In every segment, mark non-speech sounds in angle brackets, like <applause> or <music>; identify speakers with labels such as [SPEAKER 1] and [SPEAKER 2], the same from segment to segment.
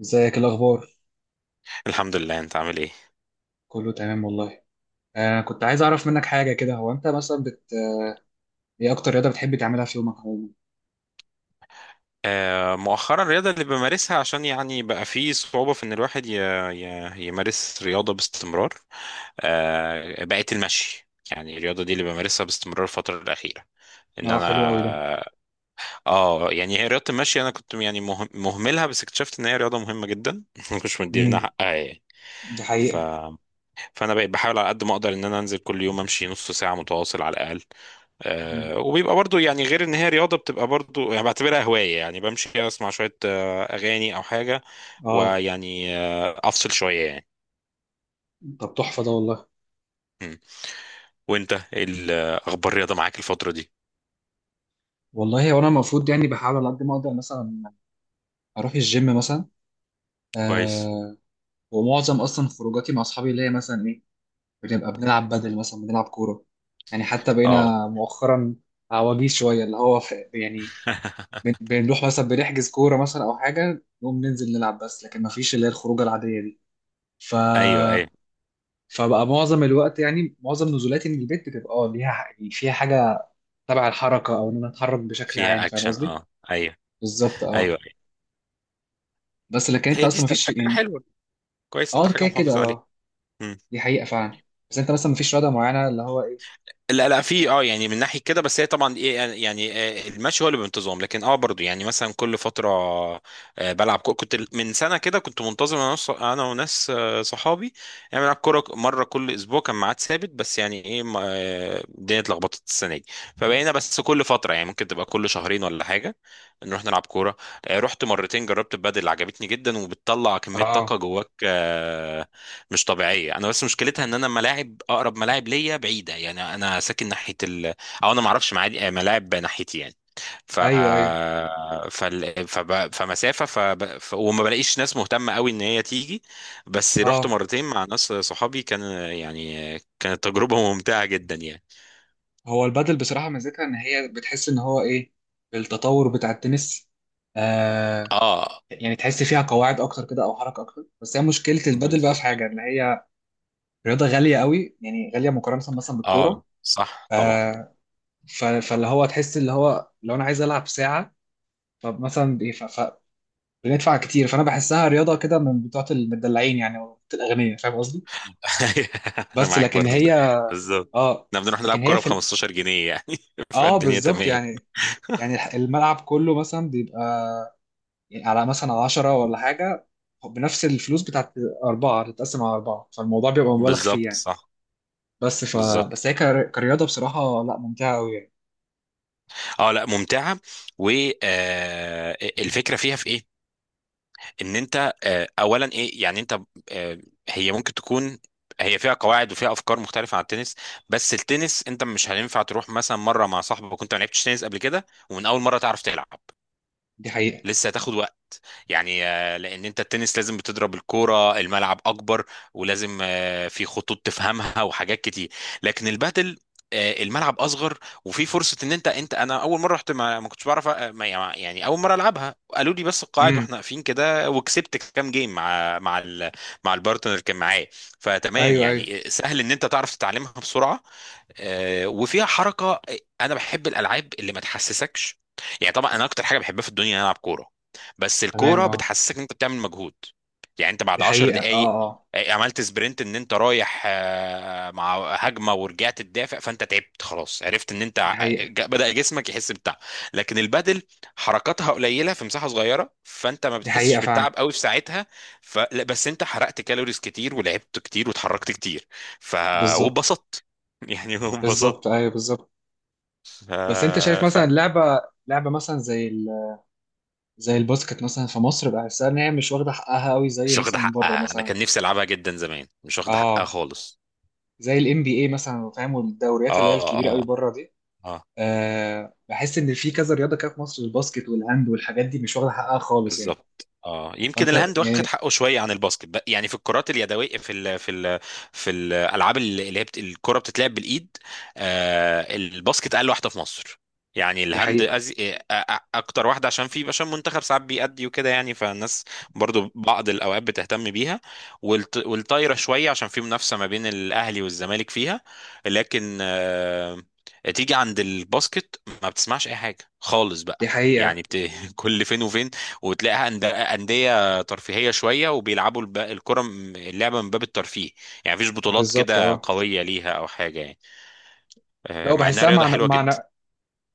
[SPEAKER 1] ازيك، إيه الاخبار؟
[SPEAKER 2] الحمد لله. انت عامل ايه؟
[SPEAKER 1] كله تمام والله. كنت عايز اعرف منك حاجه كده. هو انت مثلا ايه اكتر رياضه بتحب تعملها في يومك عموما؟
[SPEAKER 2] مؤخرا الرياضة اللي بمارسها عشان يعني بقى فيه صعوبة في ان الواحد يمارس رياضة باستمرار. بقت المشي، يعني الرياضة دي اللي بمارسها باستمرار الفترة الأخيرة. ان
[SPEAKER 1] اه، حلو قوي ده.
[SPEAKER 2] انا اه يعني هي رياضة المشي انا كنت يعني مهملها، بس اكتشفت ان هي رياضة مهمة جدا. <laughs> ما كنتش مدينا
[SPEAKER 1] امم
[SPEAKER 2] حقها يعني.
[SPEAKER 1] دي
[SPEAKER 2] ف...
[SPEAKER 1] حقيقه.
[SPEAKER 2] فانا بقيت بحاول على قد ما اقدر ان انا انزل كل يوم امشي نص ساعة متواصل على الأقل.
[SPEAKER 1] مم.
[SPEAKER 2] وبيبقى برضو يعني، غير ان هي رياضة، بتبقى برضو يعني بعتبرها هواية، يعني بمشي اسمع شوية اغاني او حاجة.
[SPEAKER 1] اه،
[SPEAKER 2] ويعني افصل شوية يعني.
[SPEAKER 1] طب تحفه ده والله.
[SPEAKER 2] مم. وانت اخبار الرياضة معاك الفترة دي؟
[SPEAKER 1] والله هو انا المفروض يعني بحاول على قد ما اقدر مثلا اروح الجيم مثلا.
[SPEAKER 2] كويس.
[SPEAKER 1] آه ومعظم اصلا خروجاتي مع اصحابي اللي هي مثلا ايه، بنبقى بنلعب، بدل مثلا بنلعب كوره. يعني حتى
[SPEAKER 2] اه.
[SPEAKER 1] بقينا مؤخرا عواجيز شويه، اللي هو في يعني
[SPEAKER 2] <laughs>
[SPEAKER 1] بنروح مثلا بنحجز كورة مثلا أو حاجة نقوم ننزل نلعب. بس لكن مفيش اللي هي الخروجة العادية دي. ف
[SPEAKER 2] ايوه ايوه.
[SPEAKER 1] فبقى معظم الوقت يعني معظم نزولاتي من البيت بتبقى اه ليها يعني فيها حاجة تبع الحركة أو إن أنا أتحرك بشكل عام،
[SPEAKER 2] فيها
[SPEAKER 1] فاهم
[SPEAKER 2] اكشن،
[SPEAKER 1] قصدي؟
[SPEAKER 2] اه ايوه
[SPEAKER 1] بالظبط
[SPEAKER 2] ايوه
[SPEAKER 1] اه.
[SPEAKER 2] أيوه.
[SPEAKER 1] بس لكن أنت
[SPEAKER 2] هي دي
[SPEAKER 1] أصلا
[SPEAKER 2] ستيل
[SPEAKER 1] مفيش
[SPEAKER 2] حاجة
[SPEAKER 1] يعني
[SPEAKER 2] حلوة، كويس انت
[SPEAKER 1] اه
[SPEAKER 2] حاجة
[SPEAKER 1] كده كده
[SPEAKER 2] محافظ عليها.
[SPEAKER 1] اه. دي حقيقة فعلا. بس أنت مثلا مفيش رياضة معينة اللي هو إيه؟
[SPEAKER 2] لا لا، في اه يعني من ناحيه كده، بس هي طبعا ايه المشي هو اللي بانتظام. لكن اه برضو يعني مثلا كل فتره بلعب كنت من سنه كده كنت منتظم انا وناس صحابي، يعني بنلعب كوره مره كل اسبوع، كان ميعاد ثابت. بس يعني ايه الدنيا اتلخبطت السنه دي، فبقينا بس كل فتره، يعني ممكن تبقى كل شهرين ولا حاجه نروح نلعب كوره. رحت مرتين جربت البادل، عجبتني جدا وبتطلع كميه طاقه
[SPEAKER 1] اه
[SPEAKER 2] جواك مش طبيعيه. انا بس مشكلتها ان انا ملاعب اقرب ملاعب ليا بعيده، يعني انا ساكن ناحيه او انا ما اعرفش ملاعب ناحيتي يعني. ف
[SPEAKER 1] أيوه أيوه
[SPEAKER 2] فال... فب... فمسافه فب... ف... وما بلاقيش ناس مهتمه قوي ان هي تيجي. بس رحت
[SPEAKER 1] اه.
[SPEAKER 2] مرتين مع ناس صحابي، كان يعني كانت تجربه ممتعه جدا يعني.
[SPEAKER 1] هو البادل بصراحة ميزتها إن هي بتحس إن هو إيه، التطور بتاع التنس. آه،
[SPEAKER 2] اه،
[SPEAKER 1] يعني تحس فيها قواعد اكتر كده او حركه اكتر. بس هي مشكله البادل بقى في
[SPEAKER 2] بالظبط
[SPEAKER 1] حاجه ان هي رياضه غاليه قوي، يعني غاليه مقارنه مثلا
[SPEAKER 2] اه.
[SPEAKER 1] بالكوره.
[SPEAKER 2] صح طبعا.
[SPEAKER 1] آه ف- فاللي هو تحس اللي هو لو انا عايز العب ساعه، فمثلا بي- ف- ف- بندفع كتير. فانا بحسها رياضه كده من بتوعه المدلعين يعني أو بتوعة الاغنياء، فاهم قصدي.
[SPEAKER 2] <laughs> انا
[SPEAKER 1] بس
[SPEAKER 2] معاك
[SPEAKER 1] لكن
[SPEAKER 2] برضو في ده،
[SPEAKER 1] هي
[SPEAKER 2] بالظبط.
[SPEAKER 1] اه
[SPEAKER 2] احنا بنروح نلعب
[SPEAKER 1] لكن هي
[SPEAKER 2] كوره ب
[SPEAKER 1] في ال...
[SPEAKER 2] 15 جنيه يعني. <laughs>
[SPEAKER 1] اه
[SPEAKER 2] فالدنيا
[SPEAKER 1] بالظبط
[SPEAKER 2] تمام.
[SPEAKER 1] يعني الملعب كله مثلا بيبقى يعني على مثلا 10 ولا حاجه، بنفس الفلوس بتاعت أربعة تتقسم على أربعة. فالموضوع بيبقى مبالغ فيه
[SPEAKER 2] بالظبط
[SPEAKER 1] يعني.
[SPEAKER 2] صح،
[SPEAKER 1] بس ف
[SPEAKER 2] بالظبط
[SPEAKER 1] بس هي كرياضة بصراحة لا ممتعة أوي يعني.
[SPEAKER 2] اه. لا ممتعه. والفكره فيها في ايه؟ ان انت اولا ايه يعني انت آه، هي ممكن تكون، هي فيها قواعد وفيها افكار مختلفه عن التنس. بس التنس انت مش هينفع تروح مثلا مره مع صاحبك وانت ما لعبتش تنس قبل كده ومن اول مره تعرف تلعب،
[SPEAKER 1] دي حقيقة.
[SPEAKER 2] لسه هتاخد يعني. لان انت التنس لازم بتضرب الكوره، الملعب اكبر، ولازم في خطوط تفهمها <laughs> وحاجات كتير. لكن البادل الملعب اصغر، وفي فرصه ان انت انت انا اول مره رحت ما كنتش بعرف أ- ما يعني اول مره العبها قالوا لي بس القواعد
[SPEAKER 1] امم
[SPEAKER 2] واحنا واقفين كده، وكسبت كام جيم مع مع البارتنر اللي كان معايا. فتمام
[SPEAKER 1] أيوه أيوه.
[SPEAKER 2] يعني، سهل ان انت تعرف تتعلمها بسرعه. وفيها حركه. انا بحب الالعاب اللي ما تحسسكش، يعني طبعا انا اكتر حاجه بحبها في الدنيا ان أنا العب كوره، بس
[SPEAKER 1] تمام
[SPEAKER 2] الكوره
[SPEAKER 1] أه.
[SPEAKER 2] بتحسسك ان انت بتعمل مجهود. يعني انت
[SPEAKER 1] دي
[SPEAKER 2] بعد 10
[SPEAKER 1] حقيقة أه.
[SPEAKER 2] دقائق
[SPEAKER 1] أه
[SPEAKER 2] عملت سبرنت، ان انت رايح مع هجمه ورجعت تدافع، فانت تعبت خلاص، عرفت ان انت
[SPEAKER 1] دي حقيقة.
[SPEAKER 2] بدأ جسمك يحس بتعب. لكن البدل حركاتها قليله في مساحه صغيره، فانت ما
[SPEAKER 1] دي
[SPEAKER 2] بتحسش
[SPEAKER 1] حقيقة فعلا.
[SPEAKER 2] بالتعب قوي في ساعتها. لا، بس انت حرقت كالوريز كتير ولعبت كتير واتحركت كتير. ف
[SPEAKER 1] بالظبط.
[SPEAKER 2] واتبسطت، يعني <laughs>
[SPEAKER 1] بالظبط
[SPEAKER 2] وانبسطت.
[SPEAKER 1] أيوه بالظبط.
[SPEAKER 2] ف...
[SPEAKER 1] بس أنت شايف
[SPEAKER 2] ف...
[SPEAKER 1] مثلا لعبة مثلا زي الباسكت مثلا في مصر، بحسها إن هي مش واخدة حقها أوي زي
[SPEAKER 2] مش واخدة
[SPEAKER 1] مثلا بره
[SPEAKER 2] حقها. انا
[SPEAKER 1] مثلا.
[SPEAKER 2] كان نفسي العبها جدا زمان، مش واخدة حقها
[SPEAKER 1] أه
[SPEAKER 2] خالص.
[SPEAKER 1] زي ال NBA مثلا، فاهم،
[SPEAKER 2] اه
[SPEAKER 1] والدوريات اللي هي الكبيرة أوي
[SPEAKER 2] اه.
[SPEAKER 1] بره دي.
[SPEAKER 2] اه
[SPEAKER 1] أه بحس إن في كذا رياضة كده في مصر، الباسكت والهاند والحاجات دي مش واخدة حقها خالص يعني.
[SPEAKER 2] بالظبط. اه، يمكن
[SPEAKER 1] فأنت
[SPEAKER 2] الهاند
[SPEAKER 1] يعني.
[SPEAKER 2] واخد حقه شويه عن الباسكت بقى. يعني في الكرات اليدويه، في ال في ال في الالعاب اللي هي الكره بتتلعب بالايد. آه الباسكت اقل واحده في مصر. يعني
[SPEAKER 1] دي
[SPEAKER 2] الهاند
[SPEAKER 1] حقيقة.
[SPEAKER 2] أز... آه، آه، اكتر واحده، عشان في، عشان منتخب ساعات بيأدي وكده، يعني فالناس برضو بعض الاوقات بتهتم بيها. والطايره شويه، عشان في منافسه ما بين الاهلي والزمالك فيها. لكن آه، تيجي عند الباسكت ما بتسمعش اي حاجه خالص
[SPEAKER 1] دي
[SPEAKER 2] بقى. يعني
[SPEAKER 1] حقيقة.
[SPEAKER 2] <laughs> كل فين وفين وتلاقيها أندية ترفيهية شوية، وبيلعبوا الكرة، اللعبة من باب الترفيه، يعني مفيش بطولات
[SPEAKER 1] بالظبط
[SPEAKER 2] كده
[SPEAKER 1] اه.
[SPEAKER 2] قوية ليها أو حاجة يعني.
[SPEAKER 1] لو
[SPEAKER 2] مع إنها
[SPEAKER 1] بحسها
[SPEAKER 2] رياضة
[SPEAKER 1] معنى
[SPEAKER 2] حلوة جدا.
[SPEAKER 1] معنى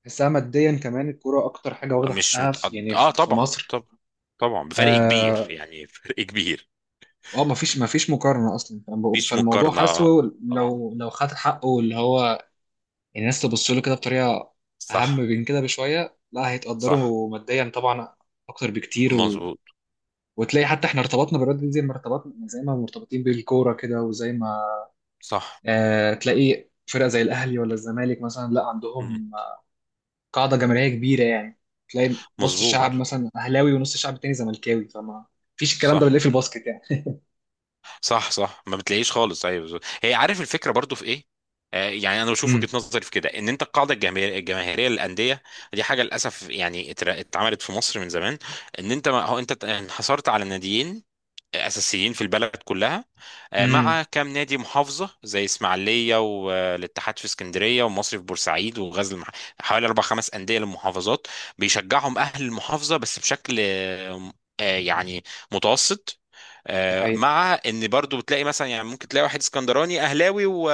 [SPEAKER 1] بحسها ماديا كمان، الكرة أكتر حاجة واخدة
[SPEAKER 2] مش
[SPEAKER 1] حقها في
[SPEAKER 2] متقد...
[SPEAKER 1] يعني
[SPEAKER 2] آه
[SPEAKER 1] في
[SPEAKER 2] طبعا
[SPEAKER 1] مصر.
[SPEAKER 2] طبعا، طبعا بفرق كبير
[SPEAKER 1] اه
[SPEAKER 2] يعني. <laughs> فرق كبير،
[SPEAKER 1] مفيش مقارنة أصلا.
[SPEAKER 2] مفيش
[SPEAKER 1] فالموضوع
[SPEAKER 2] مقارنة.
[SPEAKER 1] حاسه.
[SPEAKER 2] آه
[SPEAKER 1] لو خد حقه اللي هو، يعني الناس تبص له كده بطريقة أهم
[SPEAKER 2] صح
[SPEAKER 1] من كده بشوية، لا
[SPEAKER 2] صح،
[SPEAKER 1] هيتقدروا ماديا طبعا أكتر بكتير و...
[SPEAKER 2] مظبوط.
[SPEAKER 1] وتلاقي حتى احنا ارتبطنا بالرياضة دي زي ما ارتبطنا، يعني زي ما مرتبطين بالكورة كده وزي ما
[SPEAKER 2] صح.
[SPEAKER 1] آه تلاقي فرقة زي الأهلي ولا الزمالك مثلا لا
[SPEAKER 2] مم.
[SPEAKER 1] عندهم قاعدة جماهيرية كبيرة يعني. تلاقي نص
[SPEAKER 2] مظبوط.
[SPEAKER 1] الشعب مثلا أهلاوي ونص الشعب التاني زملكاوي، فما فيش الكلام ده اللي في
[SPEAKER 2] صح
[SPEAKER 1] الباسكت يعني.
[SPEAKER 2] صح صح، ما بتلاقيش خالص، ايوه بالظبط. هي عارف الفكره برضو في ايه؟ آه يعني انا بشوف وجهه
[SPEAKER 1] امم
[SPEAKER 2] نظري في كده ان انت القاعده الجماهيريه للانديه دي، حاجه للاسف يعني اتعملت في مصر من زمان، ان انت ما هو انت انحصرت على ناديين اساسيين في البلد كلها.
[SPEAKER 1] امم
[SPEAKER 2] مع كام نادي محافظه زي اسماعيليه، والاتحاد في اسكندريه، والمصري في بورسعيد، وغزل حوالي 4 5 انديه للمحافظات، بيشجعهم اهل المحافظه بس بشكل يعني متوسط.
[SPEAKER 1] دي حقيقة.
[SPEAKER 2] مع ان برضو بتلاقي مثلا، يعني ممكن تلاقي واحد اسكندراني اهلاوي و...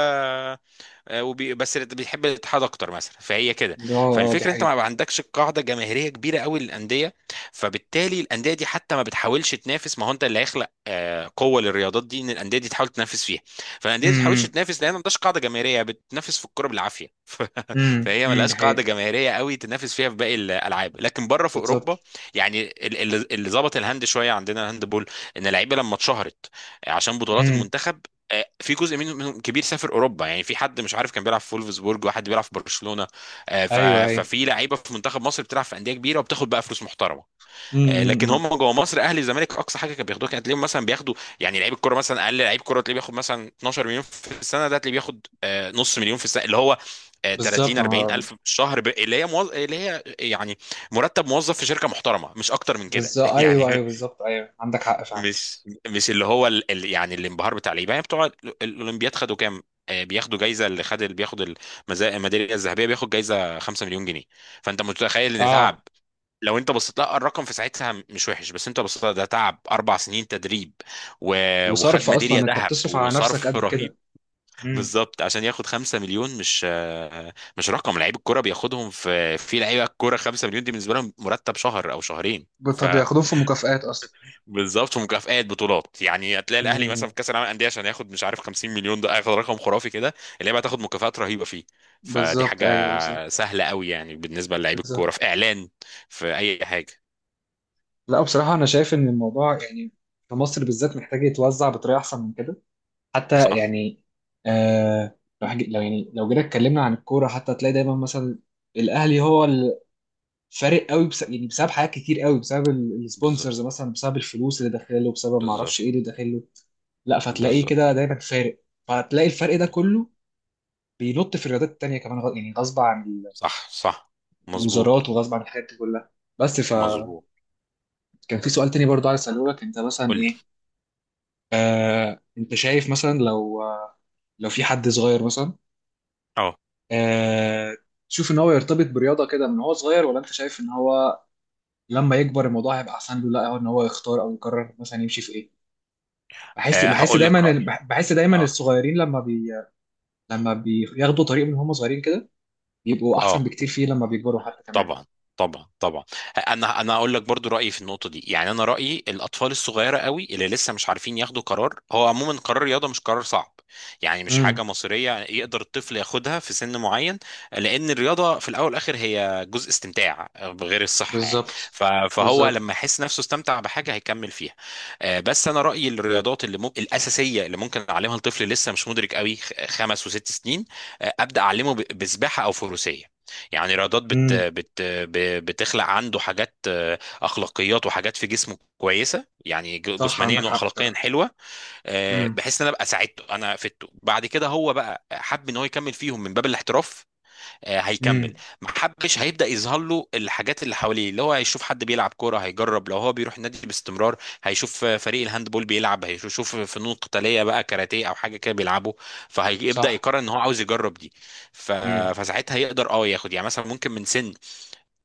[SPEAKER 2] آه، وبي... بس اللي بيحب الاتحاد اكتر مثلا، فهي كده.
[SPEAKER 1] اه اه دي
[SPEAKER 2] فالفكره انت
[SPEAKER 1] حقيقة.
[SPEAKER 2] ما عندكش قاعده جماهيريه كبيره قوي للانديه، فبالتالي الانديه دي حتى ما بتحاولش تنافس، ما هو انت اللي هيخلق قوه للرياضات دي ان الانديه دي تحاول تنافس فيها. فالانديه دي ما بتحاولش
[SPEAKER 1] امم
[SPEAKER 2] تنافس لان ما عندهاش قاعده جماهيريه، بتنافس في الكوره بالعافيه. <laughs> فهي ما
[SPEAKER 1] دي
[SPEAKER 2] لهاش قاعده
[SPEAKER 1] حقيقة.
[SPEAKER 2] جماهيريه قوي تنافس فيها في باقي الالعاب. لكن بره في
[SPEAKER 1] بالظبط
[SPEAKER 2] اوروبا، يعني اللي ظبط الهاند شويه عندنا، الهاند بول، ان اللعيبه لما اتشهرت عشان بطولات
[SPEAKER 1] امم
[SPEAKER 2] المنتخب، في جزء منهم كبير سافر اوروبا، يعني في حد مش عارف كان بيلعب في فولفسبورج، وحد بيلعب في برشلونه. آه، ف-
[SPEAKER 1] ايوه ايوه
[SPEAKER 2] ففي لعيبه في منتخب مصر بتلعب في انديه كبيره وبتاخد بقى فلوس محترمه.
[SPEAKER 1] امم
[SPEAKER 2] لكن
[SPEAKER 1] امم
[SPEAKER 2] هم جوه مصر، اهلي الزمالك، اقصى حاجه كانوا بياخدوها، كانت تلاقيهم مثلا بياخدوا يعني، لعيب الكوره مثلا، اقل لعيب كوره تلاقيه بياخد مثلا 12 مليون في السنه. ده تلاقيه بياخد نص مليون في السنه، اللي هو 30
[SPEAKER 1] بالظبط.
[SPEAKER 2] 40 الف
[SPEAKER 1] آه،
[SPEAKER 2] في الشهر، ب... اللي هي موظ... اللي هي يعني مرتب موظف في شركه محترمه، مش اكتر من كده.
[SPEAKER 1] بالظبط
[SPEAKER 2] <laughs> يعني
[SPEAKER 1] ايوه ايوه بالظبط ايوه عندك حق فعلا.
[SPEAKER 2] مش مش اللي هو يعني الانبهار بتاع اللعيبه، يعني بتوع الاولمبياد خدوا كام؟ بياخدوا جايزه، اللي خد، اللي بياخد الميداليه الذهبيه بياخد جايزه 5 مليون جنيه. فانت متخيل ان تعب،
[SPEAKER 1] اه
[SPEAKER 2] لو انت بصيت لها الرقم في ساعتها مش وحش، بس انت بصيت لها ده تعب اربع سنين تدريب و... وخد
[SPEAKER 1] وصرف
[SPEAKER 2] ميداليه
[SPEAKER 1] اصلا انت
[SPEAKER 2] ذهب
[SPEAKER 1] بتصرف على نفسك
[SPEAKER 2] وصرف. <laughs>
[SPEAKER 1] قد
[SPEAKER 2] رهيب.
[SPEAKER 1] كده. امم
[SPEAKER 2] بالظبط، عشان ياخد 5 مليون، مش مش رقم، لعيب الكوره بياخدهم، في في لعيبه الكوره 5 مليون دي بالنسبه لهم مرتب شهر او شهرين. ف
[SPEAKER 1] طب بياخدوهم في مكافآت اصلا.
[SPEAKER 2] بالظبط، ومكافآت بطولات، يعني هتلاقي الاهلي مثلا
[SPEAKER 1] امم
[SPEAKER 2] في كاس العالم للانديه عشان ياخد مش عارف 50 مليون، ده هياخد رقم خرافي كده. اللعيبه هتاخد مكافآت رهيبه فيه. فدي
[SPEAKER 1] بالظبط
[SPEAKER 2] حاجه
[SPEAKER 1] ايوه بالظبط
[SPEAKER 2] سهله قوي يعني بالنسبه للعيب الكوره،
[SPEAKER 1] بالظبط.
[SPEAKER 2] في اعلان، في اي حاجه.
[SPEAKER 1] لا بصراحة أنا شايف إن الموضوع يعني في مصر بالذات محتاج يتوزع بطريقة أحسن من كده حتى
[SPEAKER 2] صح
[SPEAKER 1] يعني. آه لو حاجة، لو يعني لو جينا اتكلمنا عن الكورة حتى هتلاقي دايما مثلا الأهلي هو الفارق قوي، بس يعني بسبب حاجات كتير قوي، بسبب
[SPEAKER 2] بالظبط،
[SPEAKER 1] السبونسرز مثلا، بسبب الفلوس اللي داخله، بسبب ما أعرفش
[SPEAKER 2] بالظبط،
[SPEAKER 1] إيه اللي داخله. لا فتلاقيه
[SPEAKER 2] بالظبط،
[SPEAKER 1] كده دايما فارق. فهتلاقي الفرق ده
[SPEAKER 2] بالظبط.
[SPEAKER 1] كله بينط في الرياضات التانية كمان، يعني غصب عن
[SPEAKER 2] صح صح، مظبوط
[SPEAKER 1] الوزارات وغصب عن الحاجات دي كلها. بس فكان
[SPEAKER 2] مظبوط.
[SPEAKER 1] في سؤال تاني برضه عايز أسأله لك. أنت مثلا
[SPEAKER 2] قول لي.
[SPEAKER 1] إيه، انت شايف مثلا لو لو في حد صغير مثلا،
[SPEAKER 2] اه.
[SPEAKER 1] آه، تشوف ان هو يرتبط برياضه كده من هو صغير، ولا انت شايف ان هو لما يكبر الموضوع هيبقى احسن له، لا هو ان هو يختار او يقرر مثلا يمشي في ايه. بحس بحس
[SPEAKER 2] هقول لك
[SPEAKER 1] دايما
[SPEAKER 2] رايي.
[SPEAKER 1] بحس دايما
[SPEAKER 2] اه
[SPEAKER 1] الصغيرين لما بياخدوا طريق من هم صغيرين كده، بيبقوا احسن
[SPEAKER 2] اه.
[SPEAKER 1] بكتير فيه لما بيكبروا حتى كمان.
[SPEAKER 2] طبعا، طبعا طبعا. انا هقول لك برضو رايي في النقطه دي. يعني انا رايي الاطفال الصغيره قوي اللي لسه مش عارفين ياخدوا قرار، هو عموما قرار الرياضه مش قرار صعب، يعني مش حاجه
[SPEAKER 1] امم
[SPEAKER 2] مصيريه يقدر الطفل ياخدها في سن معين، لان الرياضه في الاول والاخر هي جزء استمتاع، غير الصحه يعني.
[SPEAKER 1] بالظبط
[SPEAKER 2] فهو
[SPEAKER 1] بالظبط.
[SPEAKER 2] لما يحس نفسه استمتع بحاجه هيكمل فيها. بس انا رايي الرياضات اللي ممكن الاساسيه اللي ممكن اعلمها لطفل لسه مش مدرك قوي، خمس وست سنين، ابدا اعلمه بسباحه او فروسيه، يعني رياضات
[SPEAKER 1] امم
[SPEAKER 2] بتخلق عنده حاجات اخلاقيات وحاجات في جسمه كويسه، يعني
[SPEAKER 1] صح
[SPEAKER 2] جسمانيا
[SPEAKER 1] عندك حق
[SPEAKER 2] واخلاقيا
[SPEAKER 1] بصراحه.
[SPEAKER 2] حلوه.
[SPEAKER 1] امم
[SPEAKER 2] بحيث ان انا ابقى ساعدته، انا فدته، بعد كده هو بقى حب ان هو يكمل فيهم من باب الاحتراف هيكمل،
[SPEAKER 1] امم
[SPEAKER 2] ما حبش هيبدا يظهر له الحاجات اللي حواليه، اللي هو هيشوف حد بيلعب كوره هيجرب، لو هو بيروح النادي باستمرار هيشوف فريق الهاندبول بيلعب، هيشوف فنون قتاليه بقى كاراتيه او حاجه كده بيلعبه، فهيبدا
[SPEAKER 1] صح
[SPEAKER 2] يقرر ان هو عاوز يجرب دي. ف...
[SPEAKER 1] امم
[SPEAKER 2] فساعتها يقدر اه ياخد، يعني مثلا ممكن من سن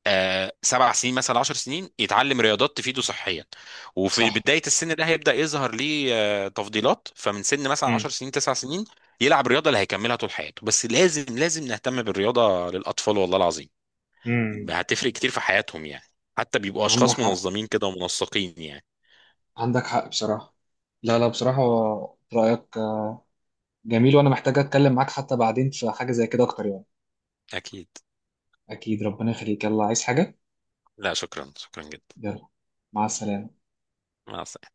[SPEAKER 2] 7 سنين مثلا، 10 سنين، يتعلم رياضات تفيده صحيا. وفي
[SPEAKER 1] صح
[SPEAKER 2] بداية السن ده هيبدأ يظهر ليه تفضيلات، فمن سن مثلا عشر
[SPEAKER 1] امم
[SPEAKER 2] سنين 9 سنين، يلعب رياضة اللي هيكملها طول حياته. بس لازم نهتم بالرياضة للأطفال، والله العظيم
[SPEAKER 1] امم.
[SPEAKER 2] هتفرق كتير في حياتهم، يعني حتى بيبقوا
[SPEAKER 1] عندك
[SPEAKER 2] أشخاص
[SPEAKER 1] حق.
[SPEAKER 2] منظمين كده ومنسقين يعني.
[SPEAKER 1] عندك حق بصراحة. لا لا بصراحة رأيك جميل، وأنا محتاج أتكلم معاك حتى بعدين في حاجة زي كده أكتر يعني.
[SPEAKER 2] أكيد.
[SPEAKER 1] أكيد ربنا يخليك. يلا، عايز حاجة؟
[SPEAKER 2] لا شكرا، شكرا جدا.
[SPEAKER 1] يلا، مع السلامة.
[SPEAKER 2] مع السلامة.